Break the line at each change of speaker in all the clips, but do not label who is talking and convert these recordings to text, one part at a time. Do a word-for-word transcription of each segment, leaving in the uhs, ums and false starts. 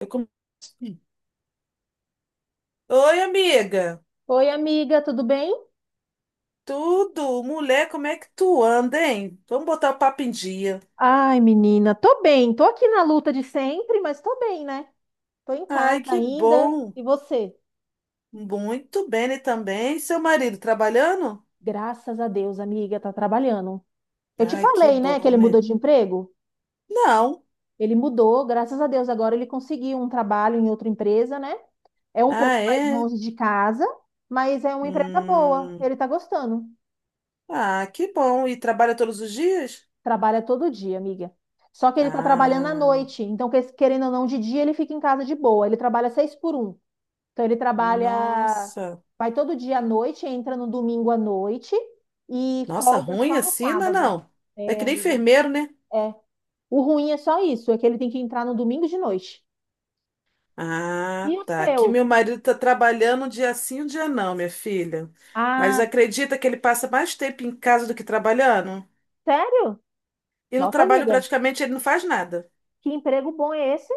Eu come- Oi, amiga.
Oi, amiga, tudo bem?
Tudo? Mulher, como é que tu anda, hein? Vamos botar o papo em dia.
Ai, menina, tô bem, tô aqui na luta de sempre, mas tô bem, né? Tô em
Ai,
casa
que
ainda.
bom.
E você?
Muito bem, né, também. Seu marido trabalhando?
Graças a Deus, amiga, tá trabalhando. Eu te
Ai, que
falei, né, que
bom,
ele mudou
né?
de emprego?
Não.
Ele mudou, graças a Deus, agora ele conseguiu um trabalho em outra empresa, né? É um pouco
Ah,
mais
é?
longe de casa, mas é uma empresa boa.
Hum.
Ele tá gostando.
Ah, que bom. E trabalha todos os dias?
Trabalha todo dia, amiga. Só que ele tá trabalhando à
Ah,
noite, então que- querendo ou não, de dia ele fica em casa de boa. Ele trabalha seis por um. Então ele trabalha,
nossa.
vai todo dia à noite, entra no domingo à noite e
Nossa,
folga
ruim
só no
assim, não, é
sábado.
não. É
É,
que nem
amiga.
enfermeiro, né?
É. O ruim é só isso, é que ele tem que entrar no domingo de noite.
Ah,
E o
tá.
seu?
Aqui meu marido tá trabalhando um dia sim, um dia não, minha filha. Mas
Ah,
acredita que ele passa mais tempo em casa do que trabalhando?
sério?
E no
Nossa,
trabalho
amiga,
praticamente ele não faz nada.
que emprego bom é esse?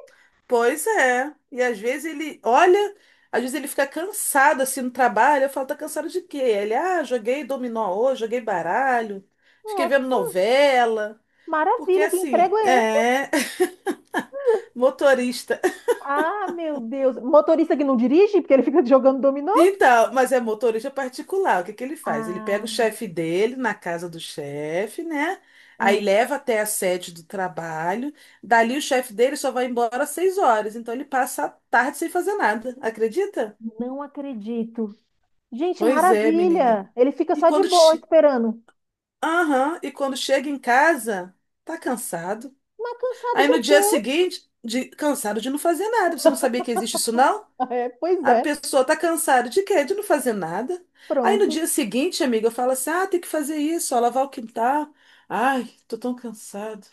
Pois é. E às vezes ele olha, às vezes ele fica cansado assim no trabalho. Eu falo, tá cansado de quê? Ele, ah, joguei dominó hoje, joguei baralho, fiquei vendo
Nossa,
novela. Porque
maravilha, que emprego
assim,
é esse?
é, motorista.
Ah, meu Deus. Motorista que não dirige, porque ele fica jogando dominó?
Então, mas é motorista particular. O que que ele faz? Ele pega o
Ah,
chefe dele na casa do chefe, né? Aí
ah,
leva até a sede do trabalho. Dali o chefe dele só vai embora às seis horas. Então ele passa a tarde sem fazer nada. Acredita?
não acredito. Gente,
Pois é, menina.
maravilha. Ele fica
E
só de
quando,
boa
che-
esperando.
Aham, e quando chega em casa, tá cansado.
Mas cansado
Aí no
do
dia
quê?
seguinte, de- cansado de não fazer nada. Você não sabia que existe isso, não?
É, pois
A
é,
pessoa tá cansada de quê? De não fazer nada. Aí no
pronto.
dia seguinte, amiga, eu falo assim: ah, tem que fazer isso, ó, lavar o quintal. Ai, tô tão cansado.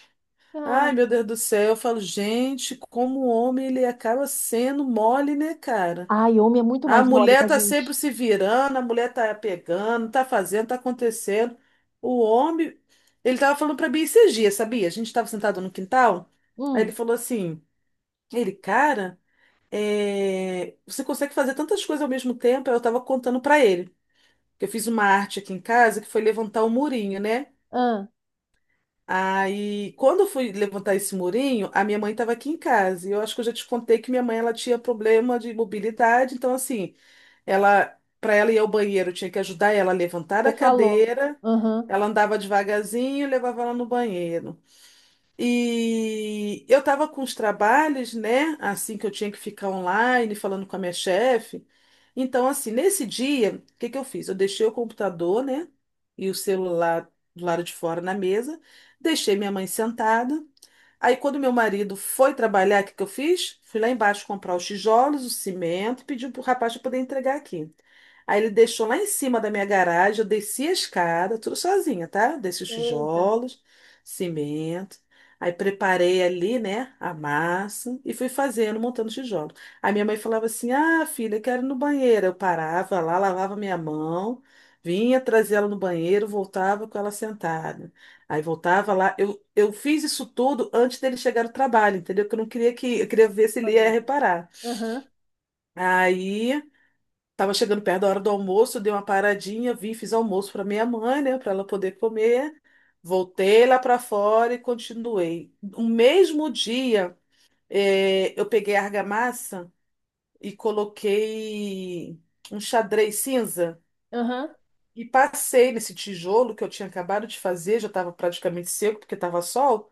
Ah,
Ai, meu Deus do céu. Eu falo, gente, como o homem ele acaba sendo mole, né, cara?
ai, homem é muito
A
mais mole que
mulher
a
tá sempre
gente.
se virando, a mulher tá pegando, tá fazendo, tá acontecendo. O homem, ele tava falando pra mim esses dias, sabia? A gente tava sentado no quintal, aí
Hum,
ele falou assim: ele, cara é, você consegue fazer tantas coisas ao mesmo tempo. Eu estava contando para ele que eu fiz uma arte aqui em casa que foi levantar o murinho, né?
ah,
Aí, quando eu fui levantar esse murinho, a minha mãe estava aqui em casa. E eu acho que eu já te contei que minha mãe ela tinha problema de mobilidade, então assim, ela para ela ir ao banheiro, eu tinha que ajudar ela a levantar a
você falou.
cadeira.
Aham.
Ela andava devagarzinho, e levava ela no banheiro. E eu estava com os trabalhos, né? Assim que eu tinha que ficar online falando com a minha chefe. Então, assim, nesse dia, o que que eu fiz? Eu deixei o computador, né? E o celular do lado de fora na mesa, deixei minha mãe sentada. Aí, quando meu marido foi trabalhar, o que que eu fiz? Fui lá embaixo comprar os tijolos, o cimento, pedi pro rapaz para poder entregar aqui. Aí ele deixou lá em cima da minha garagem, eu desci a escada, tudo sozinha, tá? Desci os
Eita,
tijolos, cimento. Aí preparei ali, né, a massa e fui fazendo, montando os tijolos. Aí minha mãe falava assim: ah, filha, quero ir no banheiro. Eu parava lá, lavava minha mão, vinha, trazia ela no banheiro, voltava com ela sentada. Aí voltava lá. Eu, eu fiz isso tudo antes dele chegar no trabalho, entendeu? Que eu não queria que. Eu queria ver se ele ia
família.
reparar.
Aham,
Aí tava chegando perto da hora do almoço, dei uma paradinha, vim, fiz almoço para minha mãe, né? Para ela poder comer. Voltei lá para fora e continuei. No mesmo dia, eh, eu peguei a argamassa e coloquei um xadrez cinza.
aham.
E passei nesse tijolo que eu tinha acabado de fazer, já estava praticamente seco, porque estava sol.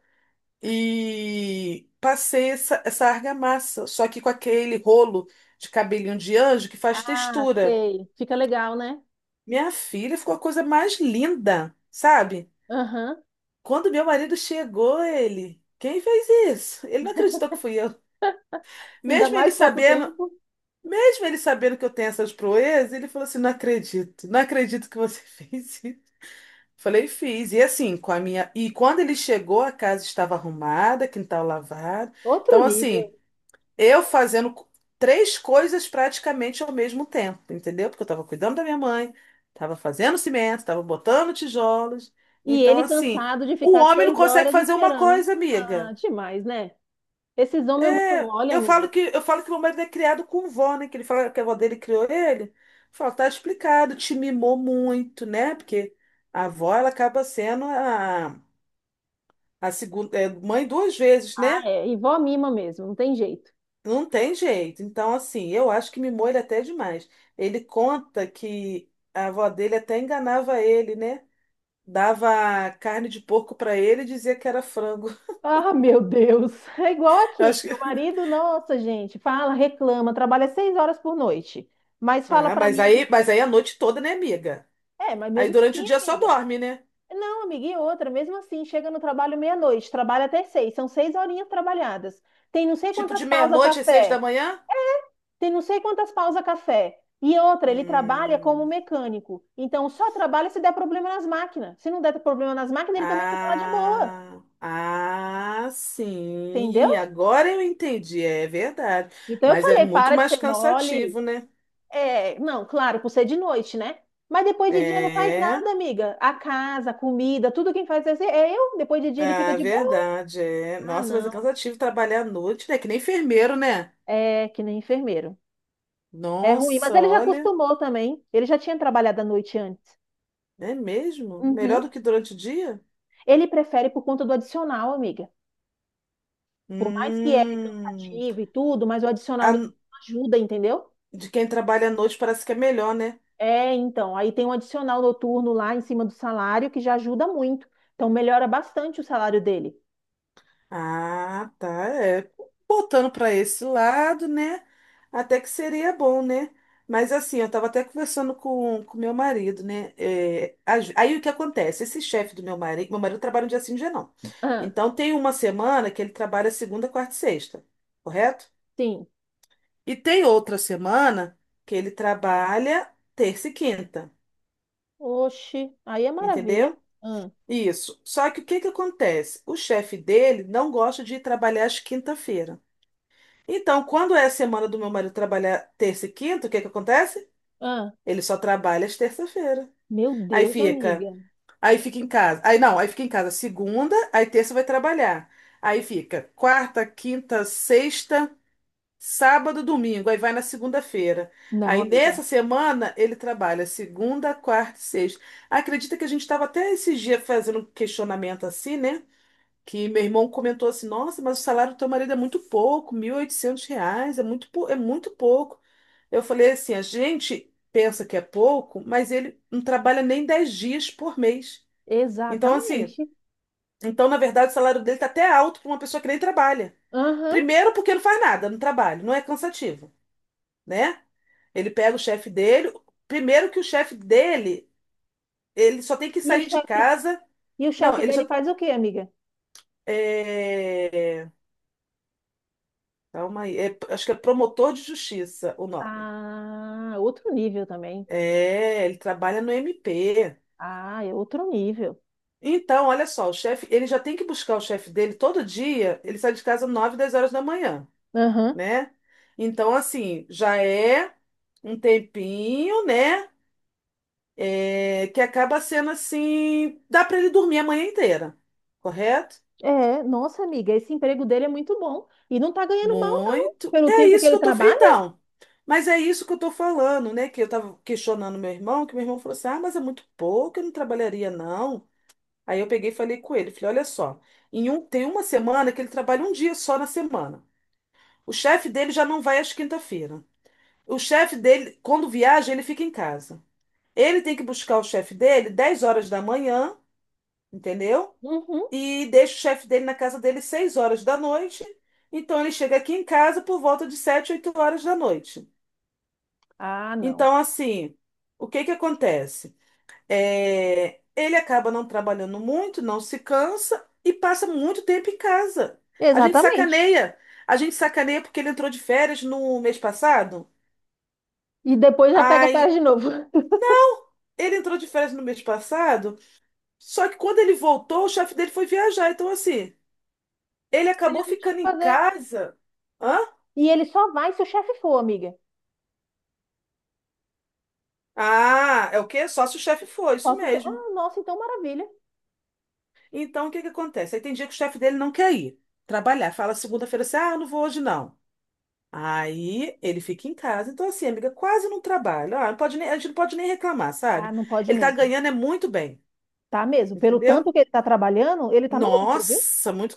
E passei essa, essa argamassa, só que com aquele rolo de cabelinho de anjo que faz
Ah,
textura.
sei. Fica legal, né?
Minha filha ficou a coisa mais linda, sabe?
Aham.
Quando meu marido chegou, ele, quem fez isso? Ele não acreditou que fui eu.
Ainda
Mesmo ele
mais pouco
sabendo,
tempo.
mesmo ele sabendo que eu tenho essas proezas, ele falou assim: "Não acredito, não acredito que você fez isso". Falei, fiz. E assim, com a minha. E quando ele chegou, a casa estava arrumada, quintal lavado.
Outro
Então, assim,
nível.
Eu fazendo co- três coisas praticamente ao mesmo tempo, entendeu? Porque eu estava cuidando da minha mãe, estava fazendo cimento, estava botando tijolos.
E
Então,
ele
assim,
cansado de
o
ficar
homem não
seis
consegue
horas
fazer uma
esperando.
coisa,
Ah,
amiga.
demais, né? Esses homens é muito
É,
mole,
Eu
amiga.
falo que eu falo que meu marido é criado com vó, né? Que ele fala que a avó dele criou ele. Fala, tá explicado, te mimou muito, né? Porque a avó, ela acaba sendo a, a segunda, é, mãe duas vezes,
Ah,
né?
é. E vó mima mesmo, não tem jeito.
Não tem jeito. Então, assim, eu acho que mimou ele até demais. Ele conta que a avó dele até enganava ele, né? Dava carne de porco pra ele e dizia que era frango.
Ah, meu Deus. É igual
Eu
aqui.
acho que...
Meu marido, nossa, gente, fala, reclama, trabalha seis horas por noite. Mas fala
Ah,
pra
mas
mim que.
aí, mas aí a noite toda, né, amiga?
É, mas
Aí
mesmo
durante o
assim,
dia só
amiga.
dorme, né?
Não, amiga, e outra, mesmo assim, chega no trabalho meia-noite, trabalha até seis, são seis horinhas trabalhadas. Tem não sei
Tipo
quantas
de
pausas
meia-noite às seis da
café,
manhã?
tem não sei quantas pausas café. E outra, ele trabalha como
Hum.
mecânico. Então, só trabalha se der problema nas máquinas. Se não der problema nas máquinas, ele também fica lá de boa,
Ah, ah,
entendeu?
sim. Agora eu entendi. É verdade.
Então, eu
Mas é
falei,
muito
para de
mais
ser mole.
cansativo, né?
É, não, claro, por ser de noite, né? Mas depois de dia não faz
É.
nada, amiga. A casa, a comida, tudo quem faz é é eu. Depois de dia ele fica
Ah,
de boa.
verdade, é.
Ah,
Nossa, mas é
não.
cansativo trabalhar à noite, né? Que nem enfermeiro, né?
É que nem enfermeiro. É ruim, mas
Nossa,
ele já
olha,
acostumou também. Ele já tinha trabalhado à noite antes.
é mesmo?
Uhum.
Melhor do que durante o dia?
Ele prefere por conta do adicional, amiga. Por mais que é
Hum.
cansativo e tudo, mas o adicional noturno
a-
ajuda, entendeu?
de quem trabalha à noite parece que é melhor, né?
É, então, aí tem um adicional noturno lá em cima do salário que já ajuda muito. Então melhora bastante o salário dele.
Ah, tá. É, botando para esse lado, né? Até que seria bom, né? Mas assim, eu estava até conversando com com meu marido, né? É, as- aí o que acontece? Esse chefe do meu marido, meu marido trabalha um dia sim, um dia não.
Ah,
Então tem uma semana que ele trabalha segunda, quarta e sexta, correto?
sim.
E tem outra semana que ele trabalha terça e quinta,
Oxi, aí é maravilha.
entendeu?
Ah,
Isso. Só que o que que acontece? O chefe dele não gosta de ir trabalhar às quinta-feira. Então, quando é a semana do meu marido trabalhar terça e quinta, o que que acontece?
ah,
Ele só trabalha às terça-feira.
Meu
Aí
Deus,
fica,
amiga.
aí fica em casa. Aí não, aí fica em casa segunda, aí terça vai trabalhar. Aí fica quarta, quinta, sexta, sábado, domingo. Aí vai na segunda-feira.
Não,
Aí
amiga.
nessa semana ele trabalha segunda, quarta e sexta. Acredita que a gente estava até esse dia fazendo um questionamento assim, né? Que meu irmão comentou assim, nossa, mas o salário do teu marido é muito pouco, mil e oitocentos reais, é muito, pou- é muito pouco. Eu falei assim, a gente pensa que é pouco, mas ele não trabalha nem dez dias por mês. Então, assim,
Exatamente.
então, na verdade, o salário dele está até alto para uma pessoa que nem trabalha.
Aham.
Primeiro, porque não faz nada no trabalho, não é cansativo, né? Ele pega o chefe dele. Primeiro que o chefe dele, ele só tem que
E o
sair de
chefe,
casa.
e o
Não,
chefe
ele
dele
só.
faz o quê, amiga?
É, calma aí. É- acho que é promotor de justiça o nome.
Ah, outro nível também.
É, ele trabalha no M P.
Ah, é outro nível.
Então, olha só, o chefe, ele já tem que buscar o chefe dele todo dia. Ele sai de casa nove dez horas da manhã,
Aham.
né? Então, assim, já é um tempinho, né? É, que acaba sendo assim, dá para ele dormir a manhã inteira, correto?
É, nossa, amiga, esse emprego dele é muito bom. E não tá ganhando mal, não,
Muito.
pelo
É
tempo que
isso que
ele
eu tô.
trabalha.
Então, mas é isso que eu tô falando, né? Que eu tava questionando meu irmão, que meu irmão falou assim: ah, mas é muito pouco, eu não trabalharia, não. Aí eu peguei e falei com ele, falei, olha só, em um, tem uma semana que ele trabalha um dia só na semana. O chefe dele já não vai às quinta-feira. O chefe dele, quando viaja, ele fica em casa. Ele tem que buscar o chefe dele dez horas da manhã, entendeu?
Uhum.
E deixa o chefe dele na casa dele seis horas da noite. Então ele chega aqui em casa por volta de sete, oito horas da noite.
Ah, não.
Então, assim, o que que acontece? É, ele acaba não trabalhando muito, não se cansa e passa muito tempo em casa. A gente
Exatamente.
sacaneia. A gente sacaneia porque ele entrou de férias no mês passado.
E depois já pega férias
Ai,
de novo.
não! Ele entrou de férias no mês passado, só que quando ele voltou, o chefe dele foi viajar. Então, assim, ele
Ele já
acabou
não tinha o
ficando
que
em
fazer.
casa. Hã?
E ele só vai se o chefe for, amiga.
Ah, é o quê? Só se o chefe for, isso
Posso che-
mesmo.
Ah, nossa, então maravilha.
Então, o que que acontece? Aí tem dia que o chefe dele não quer ir trabalhar. Fala segunda-feira assim, ah, eu não vou hoje não. Aí ele fica em casa. Então, assim, amiga, quase não trabalha. Ah, não pode nem- a gente não pode nem reclamar,
Ah,
sabe?
não pode
Ele tá
mesmo.
ganhando é muito bem,
Tá mesmo. Pelo
entendeu?
tanto que ele tá trabalhando, ele tá no lucro, viu?
Nossa, muito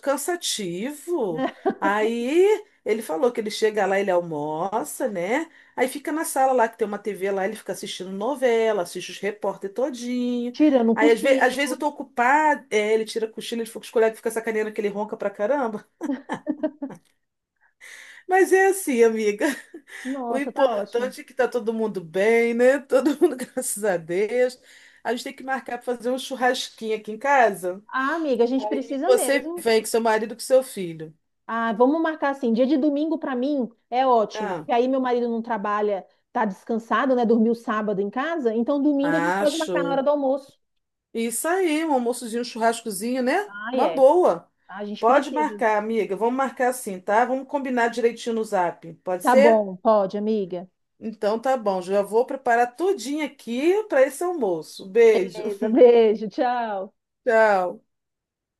cansativo.
Né?
Aí ele falou que ele chega lá, ele almoça, né? Aí fica na sala lá, que tem uma T V lá, ele fica assistindo novela, assiste os repórter todinho.
Tirando um
Aí às, ve- às
cochilo.
vezes eu tô ocupada, é, ele tira a cochilo, ele fica com os colegas, fica sacaneando que ele ronca pra caramba. Mas é assim, amiga. O
Nossa, tá ótimo.
importante é que tá todo mundo bem, né? Todo mundo, graças a Deus. A gente tem que marcar pra fazer um churrasquinho aqui em casa.
Ah, amiga, a gente
Aí
precisa
você
mesmo.
vem com seu marido, com seu filho.
Ah, vamos marcar assim, dia de domingo pra mim é ótimo,
Ah.
porque aí meu marido não trabalha, tá descansado, né? Dormiu sábado em casa, então domingo a gente
Ah,
pode marcar na hora
show.
do almoço.
Isso aí, um almoçozinho, um churrascozinho, né?
Ah,
Uma
é.
boa.
Ah, a gente
Pode
precisa.
marcar, amiga. Vamos marcar assim, tá? Vamos combinar direitinho no Zap. Pode
Tá
ser?
bom, pode, amiga.
Então tá bom. Já vou preparar tudinho aqui para esse almoço. Beijo.
Beleza, beijo, tchau.
Tchau.